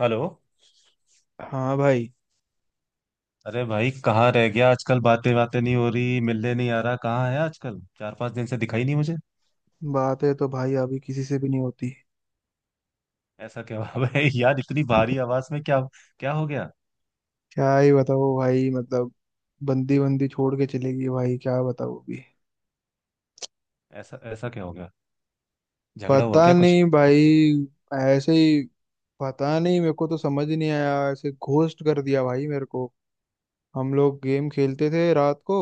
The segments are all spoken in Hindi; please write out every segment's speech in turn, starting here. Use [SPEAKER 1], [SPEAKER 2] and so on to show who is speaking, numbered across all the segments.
[SPEAKER 1] हेलो।
[SPEAKER 2] हाँ भाई।
[SPEAKER 1] अरे भाई, कहाँ रह गया आजकल? बातें बातें नहीं हो रही, मिलने नहीं आ रहा, कहाँ है आजकल? 4-5 दिन से दिखाई नहीं मुझे।
[SPEAKER 2] बातें तो भाई अभी किसी से भी नहीं होती।
[SPEAKER 1] ऐसा क्या हुआ भाई? यार इतनी भारी आवाज में, क्या क्या हो गया?
[SPEAKER 2] क्या ही बताओ भाई मतलब। बंदी बंदी छोड़ के चलेगी भाई, क्या बताओ अभी।
[SPEAKER 1] ऐसा ऐसा क्या हो गया? झगड़ा हुआ
[SPEAKER 2] पता
[SPEAKER 1] क्या कुछ?
[SPEAKER 2] नहीं भाई, ऐसे ही। पता नहीं, मेरे को तो समझ ही नहीं आया, ऐसे घोस्ट कर दिया भाई मेरे को। हम लोग गेम खेलते थे रात को।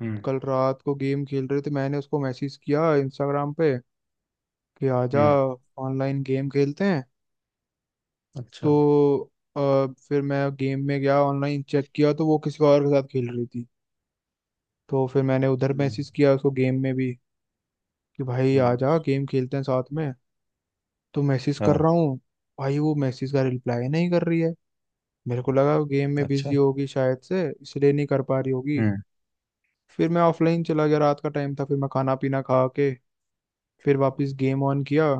[SPEAKER 1] हम्म।
[SPEAKER 2] कल रात को गेम खेल रहे थे, मैंने उसको मैसेज किया इंस्टाग्राम पे कि आजा,
[SPEAKER 1] हम्म।
[SPEAKER 2] ऑनलाइन गेम खेलते हैं।
[SPEAKER 1] अच्छा।
[SPEAKER 2] तो फिर मैं गेम में गया, ऑनलाइन चेक किया तो वो किसी और के साथ खेल रही थी। तो फिर मैंने उधर
[SPEAKER 1] हम्म।
[SPEAKER 2] मैसेज किया उसको गेम में भी कि भाई आ
[SPEAKER 1] हम्म।
[SPEAKER 2] जा, गेम खेलते हैं साथ में। तो मैसेज कर
[SPEAKER 1] हाँ।
[SPEAKER 2] रहा हूँ भाई, वो मैसेज का रिप्लाई नहीं कर रही है। मेरे को लगा वो गेम में बिजी
[SPEAKER 1] अच्छा।
[SPEAKER 2] होगी शायद से, इसलिए नहीं कर पा रही होगी।
[SPEAKER 1] हम्म।
[SPEAKER 2] फिर मैं ऑफलाइन चला गया, रात का टाइम था, फिर मैं खाना पीना खा के फिर वापस गेम ऑन किया।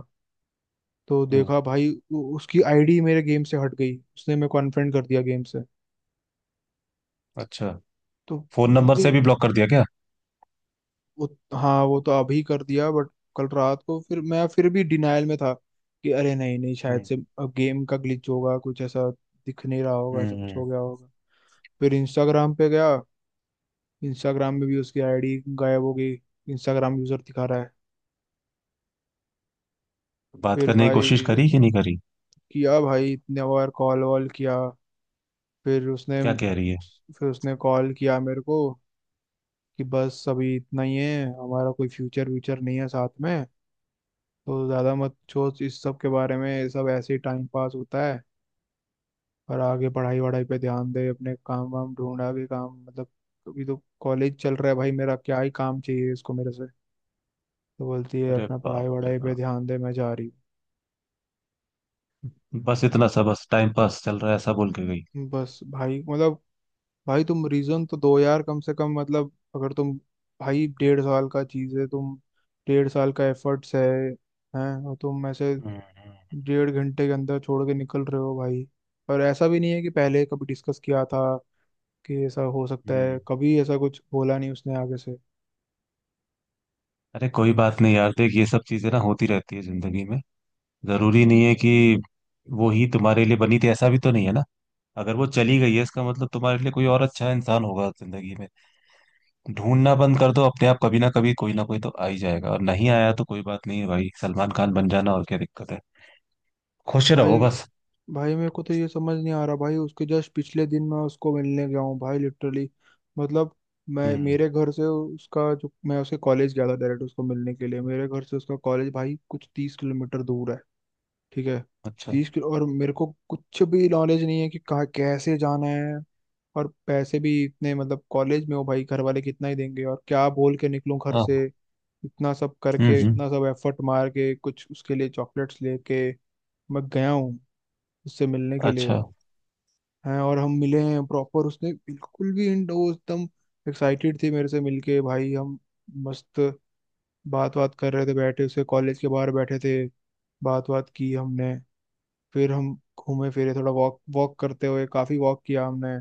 [SPEAKER 2] तो
[SPEAKER 1] हम्म।
[SPEAKER 2] देखा भाई उसकी आईडी मेरे गेम से हट गई, उसने मेरे को अनफ्रेंड कर दिया गेम से।
[SPEAKER 1] अच्छा।
[SPEAKER 2] तो
[SPEAKER 1] फोन नंबर
[SPEAKER 2] मुझे
[SPEAKER 1] से भी ब्लॉक कर दिया क्या?
[SPEAKER 2] हाँ, वो तो अभी कर दिया, बट कल रात को फिर मैं फिर भी डिनायल में था कि अरे नहीं नहीं, शायद
[SPEAKER 1] हम्म।
[SPEAKER 2] से अब गेम का ग्लिच होगा कुछ ऐसा, दिख नहीं रहा होगा,
[SPEAKER 1] हम्म।
[SPEAKER 2] ऐसा कुछ हो
[SPEAKER 1] हम्म।
[SPEAKER 2] गया होगा। फिर इंस्टाग्राम पे गया, इंस्टाग्राम में भी उसकी आईडी गायब हो गई, इंस्टाग्राम यूजर दिखा रहा है।
[SPEAKER 1] बात
[SPEAKER 2] फिर
[SPEAKER 1] करने की कोशिश
[SPEAKER 2] भाई
[SPEAKER 1] करी कि नहीं करी?
[SPEAKER 2] किया भाई इतने बार कॉल वॉल किया। फिर उसने
[SPEAKER 1] क्या कह रही है?
[SPEAKER 2] फिर उसने कॉल किया मेरे को कि बस अभी इतना ही है, हमारा कोई फ्यूचर व्यूचर नहीं है साथ में। तो ज़्यादा मत सोच इस सब के बारे में, ये सब ऐसे ही टाइम पास होता है और आगे पढ़ाई वढ़ाई पे ध्यान दे, अपने काम वाम ढूंढा, भी काम मतलब। अभी तो कॉलेज चल रहा है भाई मेरा, क्या ही काम चाहिए इसको मेरे से। तो बोलती है
[SPEAKER 1] अरे
[SPEAKER 2] अपना पढ़ाई
[SPEAKER 1] बाप रे
[SPEAKER 2] वढ़ाई पे
[SPEAKER 1] बाप।
[SPEAKER 2] ध्यान दे, मैं जा रही
[SPEAKER 1] बस इतना सा, बस टाइम पास चल रहा है, ऐसा बोल के गई?
[SPEAKER 2] हूँ। बस भाई मतलब। भाई तुम रीज़न तो दो यार कम से कम, मतलब अगर तुम। भाई 1.5 साल का चीज़ है तुम। 1.5 साल का एफर्ट्स है, हैं, और तुम ऐसे
[SPEAKER 1] हम्म। हम्म।
[SPEAKER 2] 1.5 घंटे के अंदर छोड़ के निकल रहे हो भाई। और ऐसा भी नहीं है कि पहले कभी डिस्कस किया था कि ऐसा हो सकता है,
[SPEAKER 1] हम्म।
[SPEAKER 2] कभी ऐसा कुछ बोला नहीं उसने आगे से।
[SPEAKER 1] अरे कोई बात नहीं यार, देख ये सब चीजें ना होती रहती है जिंदगी में। जरूरी नहीं है कि वो ही तुम्हारे लिए बनी थी, ऐसा भी तो नहीं है ना। अगर वो चली गई है इसका मतलब तुम्हारे लिए कोई और अच्छा इंसान होगा जिंदगी में। ढूंढना बंद कर दो अपने आप, कभी ना कभी कोई ना कोई तो आ ही जाएगा, और नहीं आया तो कोई बात नहीं है भाई, सलमान खान बन जाना, और क्या दिक्कत है? खुश
[SPEAKER 2] भाई।
[SPEAKER 1] रहो बस।
[SPEAKER 2] भाई मेरे को तो ये समझ नहीं आ रहा भाई, उसके जस्ट पिछले दिन मैं उसको मिलने गया हूँ भाई, लिटरली मतलब। मैं
[SPEAKER 1] हम्म।
[SPEAKER 2] मेरे घर से उसका, जो मैं उसके कॉलेज गया था डायरेक्ट उसको मिलने के लिए, मेरे घर से उसका कॉलेज भाई कुछ 30 किलोमीटर दूर है। ठीक है।
[SPEAKER 1] अच्छा।
[SPEAKER 2] 30 किलो, और मेरे को कुछ भी नॉलेज नहीं है कि कहाँ कैसे जाना है। और पैसे भी इतने, मतलब कॉलेज में हो भाई, घर वाले कितना ही देंगे, और क्या बोल के निकलूं घर से।
[SPEAKER 1] हाँ।
[SPEAKER 2] इतना सब
[SPEAKER 1] हम्म।
[SPEAKER 2] करके,
[SPEAKER 1] हम्म।
[SPEAKER 2] इतना सब एफर्ट मार के, कुछ उसके लिए चॉकलेट्स लेके मैं गया हूँ उससे मिलने के लिए।
[SPEAKER 1] अच्छा।
[SPEAKER 2] हैं, और हम मिले हैं प्रॉपर, उसने बिल्कुल भी वो एकदम एक्साइटेड थी मेरे से मिलके भाई। हम मस्त बात बात कर रहे थे, बैठे उसके कॉलेज के बाहर बैठे थे, बात बात की हमने। फिर हम घूमे फिरे थोड़ा, वॉक वॉक करते हुए काफी वॉक किया हमने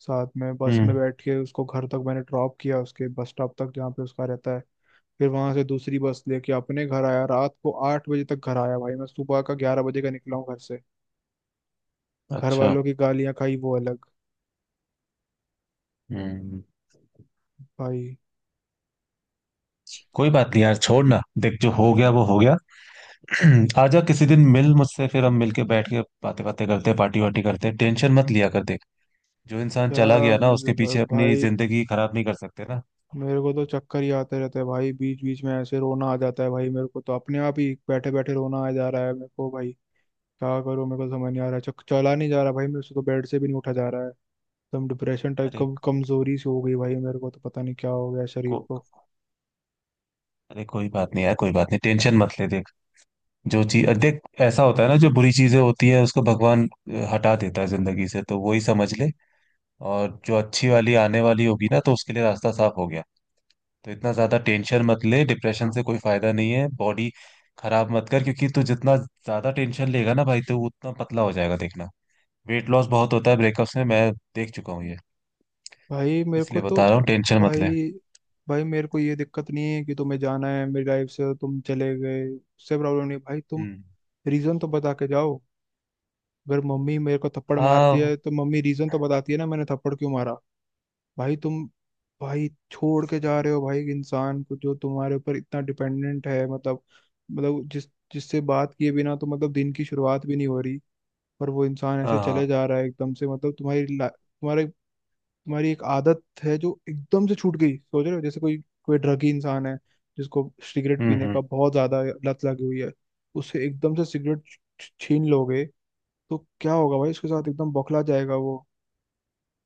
[SPEAKER 2] साथ में। बस में
[SPEAKER 1] हम्म।
[SPEAKER 2] बैठ के उसको घर तक मैंने ड्रॉप किया, उसके बस स्टॉप तक जहाँ पे उसका रहता है। फिर वहां से दूसरी बस लेके अपने घर आया, रात को 8 बजे तक घर आया भाई। मैं सुबह का 11 बजे का निकला हूँ घर से। घर
[SPEAKER 1] अच्छा।
[SPEAKER 2] वालों की गालियां खाई वो अलग।
[SPEAKER 1] हम्म।
[SPEAKER 2] भाई।
[SPEAKER 1] कोई बात नहीं यार, छोड़ ना। देख जो हो गया वो हो गया। आजा किसी दिन मिल मुझसे, फिर हम मिल के बैठ के बातें बातें करते, पार्टी वार्टी करते। टेंशन मत लिया कर, देख जो इंसान चला
[SPEAKER 2] क्या
[SPEAKER 1] गया ना उसके
[SPEAKER 2] मतलब।
[SPEAKER 1] पीछे अपनी
[SPEAKER 2] भाई
[SPEAKER 1] जिंदगी खराब नहीं कर सकते ना।
[SPEAKER 2] मेरे को तो चक्कर ही आते रहते हैं भाई, बीच बीच में ऐसे रोना आ जाता है भाई। मेरे को तो अपने आप ही बैठे बैठे रोना आ जा रहा है मेरे को भाई। क्या करूं, मेरे को समझ नहीं आ रहा है। चला नहीं जा रहा भाई मेरे से, तो बेड से भी नहीं उठा जा रहा है। एकदम डिप्रेशन टाइप
[SPEAKER 1] अरे
[SPEAKER 2] कम कमजोरी सी हो गई भाई मेरे को, तो पता नहीं क्या हो गया शरीर
[SPEAKER 1] को
[SPEAKER 2] को।
[SPEAKER 1] अरे कोई बात नहीं यार, कोई बात नहीं, टेंशन मत ले। देख जो चीज, देख ऐसा होता है ना, जो बुरी चीजें होती है उसको भगवान हटा देता है जिंदगी से, तो वही समझ ले। और जो अच्छी वाली आने वाली होगी ना, तो उसके लिए रास्ता साफ हो गया। तो इतना ज्यादा टेंशन मत ले, डिप्रेशन से कोई फायदा नहीं है, बॉडी खराब मत कर, क्योंकि तू जितना ज्यादा टेंशन लेगा ना भाई, तो वो उतना पतला हो जाएगा देखना। वेट लॉस बहुत होता है ब्रेकअप्स में, मैं देख चुका हूँ ये।
[SPEAKER 2] भाई मेरे को
[SPEAKER 1] इसलिए
[SPEAKER 2] तो।
[SPEAKER 1] बता रहा हूँ, टेंशन मत ले।
[SPEAKER 2] भाई। भाई मेरे को ये दिक्कत नहीं है कि तुम्हें जाना है मेरी लाइफ से, तुम चले गए उससे प्रॉब्लम नहीं है। भाई तुम
[SPEAKER 1] हम्म।
[SPEAKER 2] रीजन तो बता के जाओ। अगर मम्मी मेरे को थप्पड़ मारती
[SPEAKER 1] हाँ।
[SPEAKER 2] है तो मम्मी रीजन तो बताती है ना मैंने थप्पड़ क्यों मारा। भाई तुम। भाई छोड़ के जा रहे हो भाई एक इंसान को, जो तुम्हारे ऊपर इतना डिपेंडेंट है। मतलब मतलब जिस जिससे बात किए बिना तो मतलब दिन की शुरुआत भी नहीं हो रही। पर वो इंसान
[SPEAKER 1] हाँ।
[SPEAKER 2] ऐसे
[SPEAKER 1] हाँ,
[SPEAKER 2] चले जा रहा है एकदम से, मतलब तुम्हारे, तुम्हारी एक आदत है जो एकदम से छूट गई। सोच रहे हो जैसे कोई कोई ड्रगी इंसान है जिसको सिगरेट
[SPEAKER 1] हम्म।
[SPEAKER 2] पीने
[SPEAKER 1] हम्म।
[SPEAKER 2] का बहुत ज्यादा लत लगी हुई है, उसे एकदम से सिगरेट छीन लोगे तो क्या होगा भाई उसके साथ, एकदम बौखला जाएगा वो।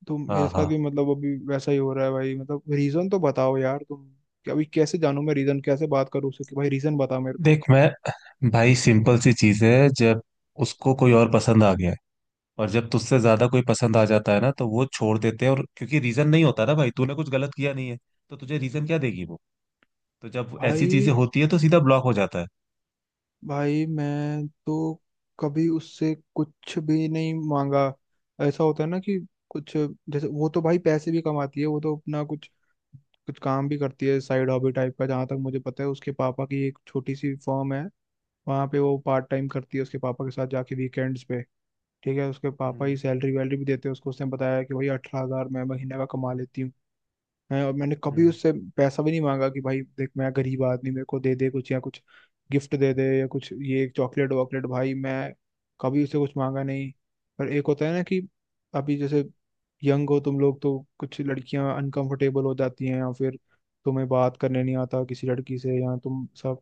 [SPEAKER 2] तो मेरे
[SPEAKER 1] हाँ।
[SPEAKER 2] साथ
[SPEAKER 1] हाँ।
[SPEAKER 2] भी मतलब अभी वैसा ही हो रहा है भाई, मतलब रीजन तो बताओ यार तुम। कि अभी कैसे जानूं मैं रीजन, कैसे बात करूं उससे कि भाई रीजन बता मेरे को।
[SPEAKER 1] देख मैं भाई सिंपल सी चीज है, जब उसको कोई और पसंद आ गया है। और जब तुझसे ज्यादा कोई पसंद आ जाता है ना, तो वो छोड़ देते हैं। और क्योंकि रीजन नहीं होता ना भाई, तूने कुछ गलत किया नहीं है, तो तुझे रीजन क्या देगी वो? तो जब ऐसी चीजें
[SPEAKER 2] भाई।
[SPEAKER 1] होती है तो सीधा ब्लॉक हो जाता है।
[SPEAKER 2] भाई मैं तो कभी उससे कुछ भी नहीं मांगा। ऐसा होता है ना कि कुछ, जैसे वो तो भाई पैसे भी कमाती है, वो तो अपना कुछ कुछ काम भी करती है साइड हॉबी टाइप का। जहाँ तक मुझे पता है उसके पापा की एक छोटी सी फर्म है, वहाँ पे वो पार्ट टाइम करती है उसके पापा के साथ जाके वीकेंड्स पे। ठीक है, उसके पापा
[SPEAKER 1] हम्म।
[SPEAKER 2] ही सैलरी वैलरी भी देते हैं उसको। उसने बताया कि भाई 18 हजार मैं महीने का कमा लेती हूँ। है, और मैंने कभी
[SPEAKER 1] हम्म।
[SPEAKER 2] उससे पैसा भी नहीं मांगा कि भाई देख, मैं गरीब आदमी मेरे को दे दे कुछ, या कुछ गिफ्ट दे दे, या कुछ ये चॉकलेट वॉकलेट, भाई मैं कभी उससे कुछ मांगा नहीं। पर एक होता है ना कि अभी जैसे यंग हो तुम लोग, तो कुछ लड़कियां अनकंफर्टेबल हो जाती हैं, या फिर तुम्हें बात करने नहीं आता किसी लड़की से, या तुम सब,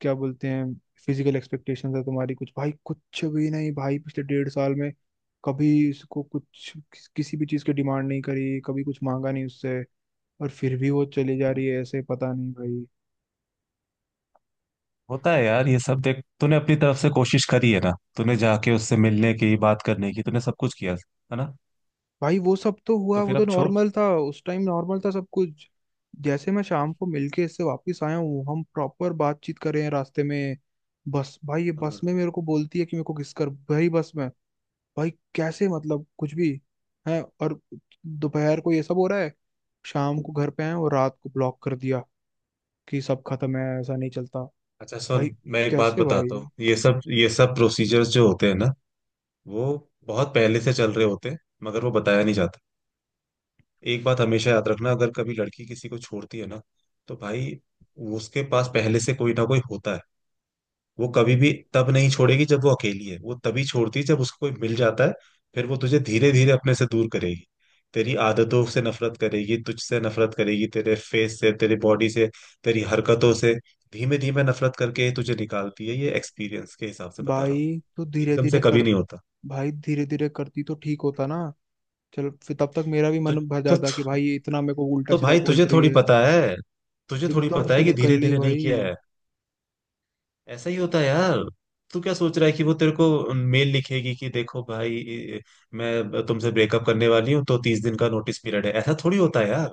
[SPEAKER 2] क्या बोलते हैं, फिजिकल एक्सपेक्टेशंस है तुम्हारी कुछ। भाई कुछ भी नहीं, भाई पिछले 1.5 साल में कभी इसको कुछ किसी भी चीज़ की डिमांड नहीं करी, कभी कुछ मांगा नहीं उससे। और फिर भी वो चली जा
[SPEAKER 1] हम्म।
[SPEAKER 2] रही है ऐसे, पता नहीं भाई।
[SPEAKER 1] होता है यार ये सब। देख तूने अपनी तरफ से कोशिश करी है ना, तूने जाके उससे मिलने की, बात करने की, तूने सब कुछ किया है ना?
[SPEAKER 2] भाई वो सब तो हुआ,
[SPEAKER 1] तो
[SPEAKER 2] वो
[SPEAKER 1] फिर
[SPEAKER 2] तो
[SPEAKER 1] अब छोड़।
[SPEAKER 2] नॉर्मल था, उस टाइम नॉर्मल था सब कुछ। जैसे मैं शाम को मिलके इससे वापस आया हूँ, हम प्रॉपर बातचीत कर रहे हैं रास्ते में, बस भाई ये बस
[SPEAKER 1] हाँ।
[SPEAKER 2] में मेरे को बोलती है कि मेरे को किस कर भाई, बस में। भाई कैसे, मतलब कुछ भी। है, और दोपहर को ये सब हो रहा है, शाम को घर पे आए और रात को ब्लॉक कर दिया कि सब खत्म है। ऐसा नहीं चलता
[SPEAKER 1] अच्छा सुन,
[SPEAKER 2] भाई।
[SPEAKER 1] मैं एक बात
[SPEAKER 2] कैसे
[SPEAKER 1] बताता हूँ,
[SPEAKER 2] भाई।
[SPEAKER 1] ये सब, ये सब प्रोसीजर्स जो होते हैं ना, वो बहुत पहले से चल रहे होते हैं, मगर वो बताया नहीं जाता। एक बात हमेशा याद रखना, अगर कभी लड़की किसी को छोड़ती है ना, तो भाई उसके पास पहले से कोई ना कोई होता है। वो कभी भी तब नहीं छोड़ेगी जब वो अकेली है, वो तभी छोड़ती है जब उसको कोई मिल जाता है। फिर वो तुझे धीरे धीरे अपने से दूर करेगी, तेरी आदतों से नफरत करेगी, तुझसे नफरत करेगी, तेरे फेस से, तेरी बॉडी से, तेरी हरकतों से। धीमे धीमे नफरत करके तुझे निकालती है, ये एक्सपीरियंस के हिसाब से बता रहा
[SPEAKER 2] भाई तो
[SPEAKER 1] हूँ।
[SPEAKER 2] धीरे
[SPEAKER 1] एकदम से
[SPEAKER 2] धीरे कर,
[SPEAKER 1] कभी नहीं होता।
[SPEAKER 2] भाई धीरे धीरे करती तो ठीक होता ना, चल फिर तब तक मेरा भी
[SPEAKER 1] तो
[SPEAKER 2] मन भर
[SPEAKER 1] तो,
[SPEAKER 2] जाता कि
[SPEAKER 1] तो
[SPEAKER 2] भाई ये इतना मेरे को उल्टा
[SPEAKER 1] तो
[SPEAKER 2] सीधा
[SPEAKER 1] भाई
[SPEAKER 2] बोल
[SPEAKER 1] तुझे
[SPEAKER 2] रही
[SPEAKER 1] थोड़ी
[SPEAKER 2] है।
[SPEAKER 1] पता है, तुझे थोड़ी
[SPEAKER 2] एकदम
[SPEAKER 1] पता
[SPEAKER 2] से
[SPEAKER 1] है कि
[SPEAKER 2] निकल
[SPEAKER 1] धीरे
[SPEAKER 2] ली
[SPEAKER 1] धीरे नहीं
[SPEAKER 2] भाई।
[SPEAKER 1] किया है। ऐसा ही होता है यार। तू क्या सोच रहा है कि वो तेरे को मेल लिखेगी कि देखो भाई, मैं तुमसे ब्रेकअप करने वाली हूँ, तो 30 दिन का नोटिस पीरियड है? ऐसा थोड़ी होता है यार।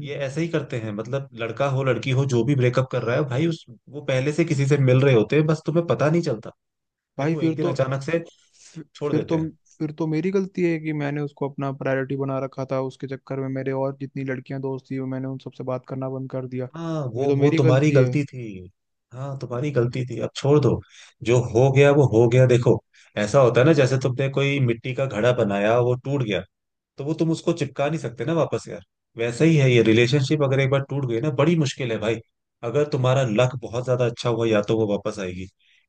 [SPEAKER 1] ये ऐसे ही करते हैं, मतलब लड़का हो लड़की हो जो भी ब्रेकअप कर रहा है भाई, उस वो पहले से किसी से मिल रहे होते हैं, बस तुम्हें पता नहीं चलता। फिर
[SPEAKER 2] भाई
[SPEAKER 1] वो
[SPEAKER 2] फिर
[SPEAKER 1] एक दिन
[SPEAKER 2] तो।
[SPEAKER 1] अचानक से
[SPEAKER 2] फिर,
[SPEAKER 1] छोड़
[SPEAKER 2] फिर
[SPEAKER 1] देते
[SPEAKER 2] तो
[SPEAKER 1] हैं।
[SPEAKER 2] फिर तो मेरी गलती है कि मैंने उसको अपना प्रायोरिटी बना रखा था, उसके चक्कर में मेरे और जितनी लड़कियां दोस्त थी वो मैंने उन सबसे बात करना बंद कर दिया।
[SPEAKER 1] हाँ,
[SPEAKER 2] ये
[SPEAKER 1] वो
[SPEAKER 2] तो
[SPEAKER 1] वो
[SPEAKER 2] मेरी
[SPEAKER 1] तुम्हारी
[SPEAKER 2] गलती है।
[SPEAKER 1] गलती थी। हाँ तुम्हारी गलती थी, अब छोड़ दो। जो हो गया वो हो गया। देखो ऐसा होता है ना, जैसे तुमने कोई मिट्टी का घड़ा बनाया वो टूट गया, तो वो तुम उसको चिपका नहीं सकते ना वापस यार। वैसा ही है ये
[SPEAKER 2] हम्म।
[SPEAKER 1] रिलेशनशिप, अगर एक बार टूट गई ना बड़ी मुश्किल है भाई। अगर तुम्हारा लक बहुत ज्यादा अच्छा हुआ या तो वो वापस आएगी,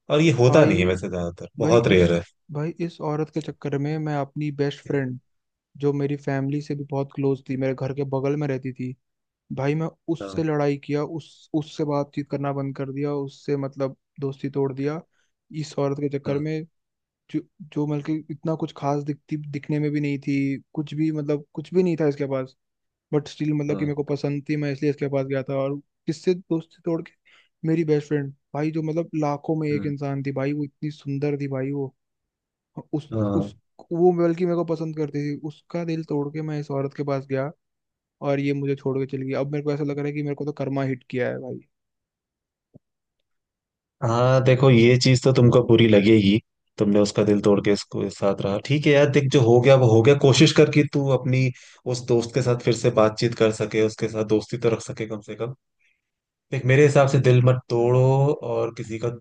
[SPEAKER 1] और ये होता
[SPEAKER 2] भाई।
[SPEAKER 1] नहीं है वैसे, ज्यादातर
[SPEAKER 2] भाई
[SPEAKER 1] बहुत
[SPEAKER 2] इस
[SPEAKER 1] रेयर है।
[SPEAKER 2] भाई इस औरत के चक्कर में मैं अपनी बेस्ट फ्रेंड, जो मेरी फैमिली से भी बहुत क्लोज थी, मेरे घर के बगल में रहती थी भाई, मैं
[SPEAKER 1] हाँ।
[SPEAKER 2] उससे लड़ाई किया, उस उससे बातचीत करना बंद कर दिया उससे, मतलब दोस्ती तोड़ दिया इस औरत के चक्कर
[SPEAKER 1] हाँ।
[SPEAKER 2] में। जो जो मतलब इतना कुछ खास दिखती, दिखने में भी नहीं थी, कुछ भी, मतलब कुछ भी नहीं था इसके पास, बट स्टिल मतलब कि मेरे
[SPEAKER 1] हाँ।
[SPEAKER 2] को पसंद थी मैं, इसलिए इसके पास गया था। और किससे दोस्ती तोड़ के, मेरी बेस्ट फ्रेंड भाई, जो मतलब लाखों में एक
[SPEAKER 1] हम्म,
[SPEAKER 2] इंसान थी भाई, वो इतनी सुंदर थी भाई वो उस
[SPEAKER 1] हाँ।
[SPEAKER 2] वो बल्कि मेरे को पसंद करती थी, उसका दिल तोड़ के मैं इस औरत के पास गया, और ये मुझे छोड़ के चली गई। अब मेरे को ऐसा लग रहा है कि मेरे को तो कर्मा हिट किया है भाई।
[SPEAKER 1] हाँ, देखो ये चीज तो तुमको बुरी लगेगी। तुमने उसका दिल तोड़ के इसको, इस साथ रहा, ठीक है यार, देख जो हो गया वो हो गया। कोशिश कर कि तू अपनी उस दोस्त के साथ फिर से बातचीत कर सके, उसके साथ दोस्ती तो रख सके कम से कम। देख मेरे हिसाब से दिल मत तोड़ो और किसी का,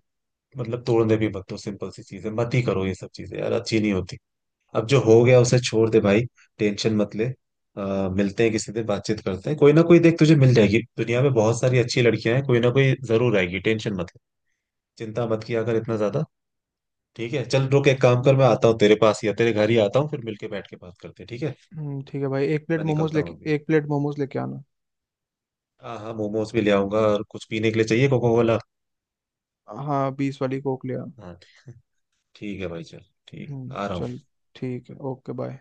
[SPEAKER 1] मतलब तोड़ने भी मत दो। सिंपल सी चीज है, मत ही करो ये सब चीजें यार, अच्छी नहीं होती। अब जो हो गया उसे छोड़ दे भाई, टेंशन मत ले। मिलते हैं किसी दिन, बातचीत करते हैं, कोई ना कोई देख तुझे मिल जाएगी, दुनिया में बहुत सारी अच्छी लड़कियां हैं, कोई ना कोई जरूर आएगी, टेंशन मत ले, चिंता मत किया कर इतना ज्यादा। ठीक है, चल रुक, एक काम कर, मैं आता
[SPEAKER 2] हम्म,
[SPEAKER 1] हूँ तेरे पास, या तेरे घर ही आता हूँ, फिर मिलके बैठ के बात करते हैं, ठीक है?
[SPEAKER 2] ठीक है भाई, एक प्लेट
[SPEAKER 1] मैं
[SPEAKER 2] मोमोज
[SPEAKER 1] निकलता
[SPEAKER 2] लेके,
[SPEAKER 1] हूँ अभी।
[SPEAKER 2] एक प्लेट मोमोज लेके आना।
[SPEAKER 1] हाँ हाँ, मोमोज भी ले आऊंगा, और कुछ पीने के लिए चाहिए कोको कोला?
[SPEAKER 2] हाँ, 20 वाली कोक ले आ।
[SPEAKER 1] हाँ। ठीक है भाई, चल। ठीक, आ रहा हूँ।
[SPEAKER 2] चल, ठीक है, ओके बाय।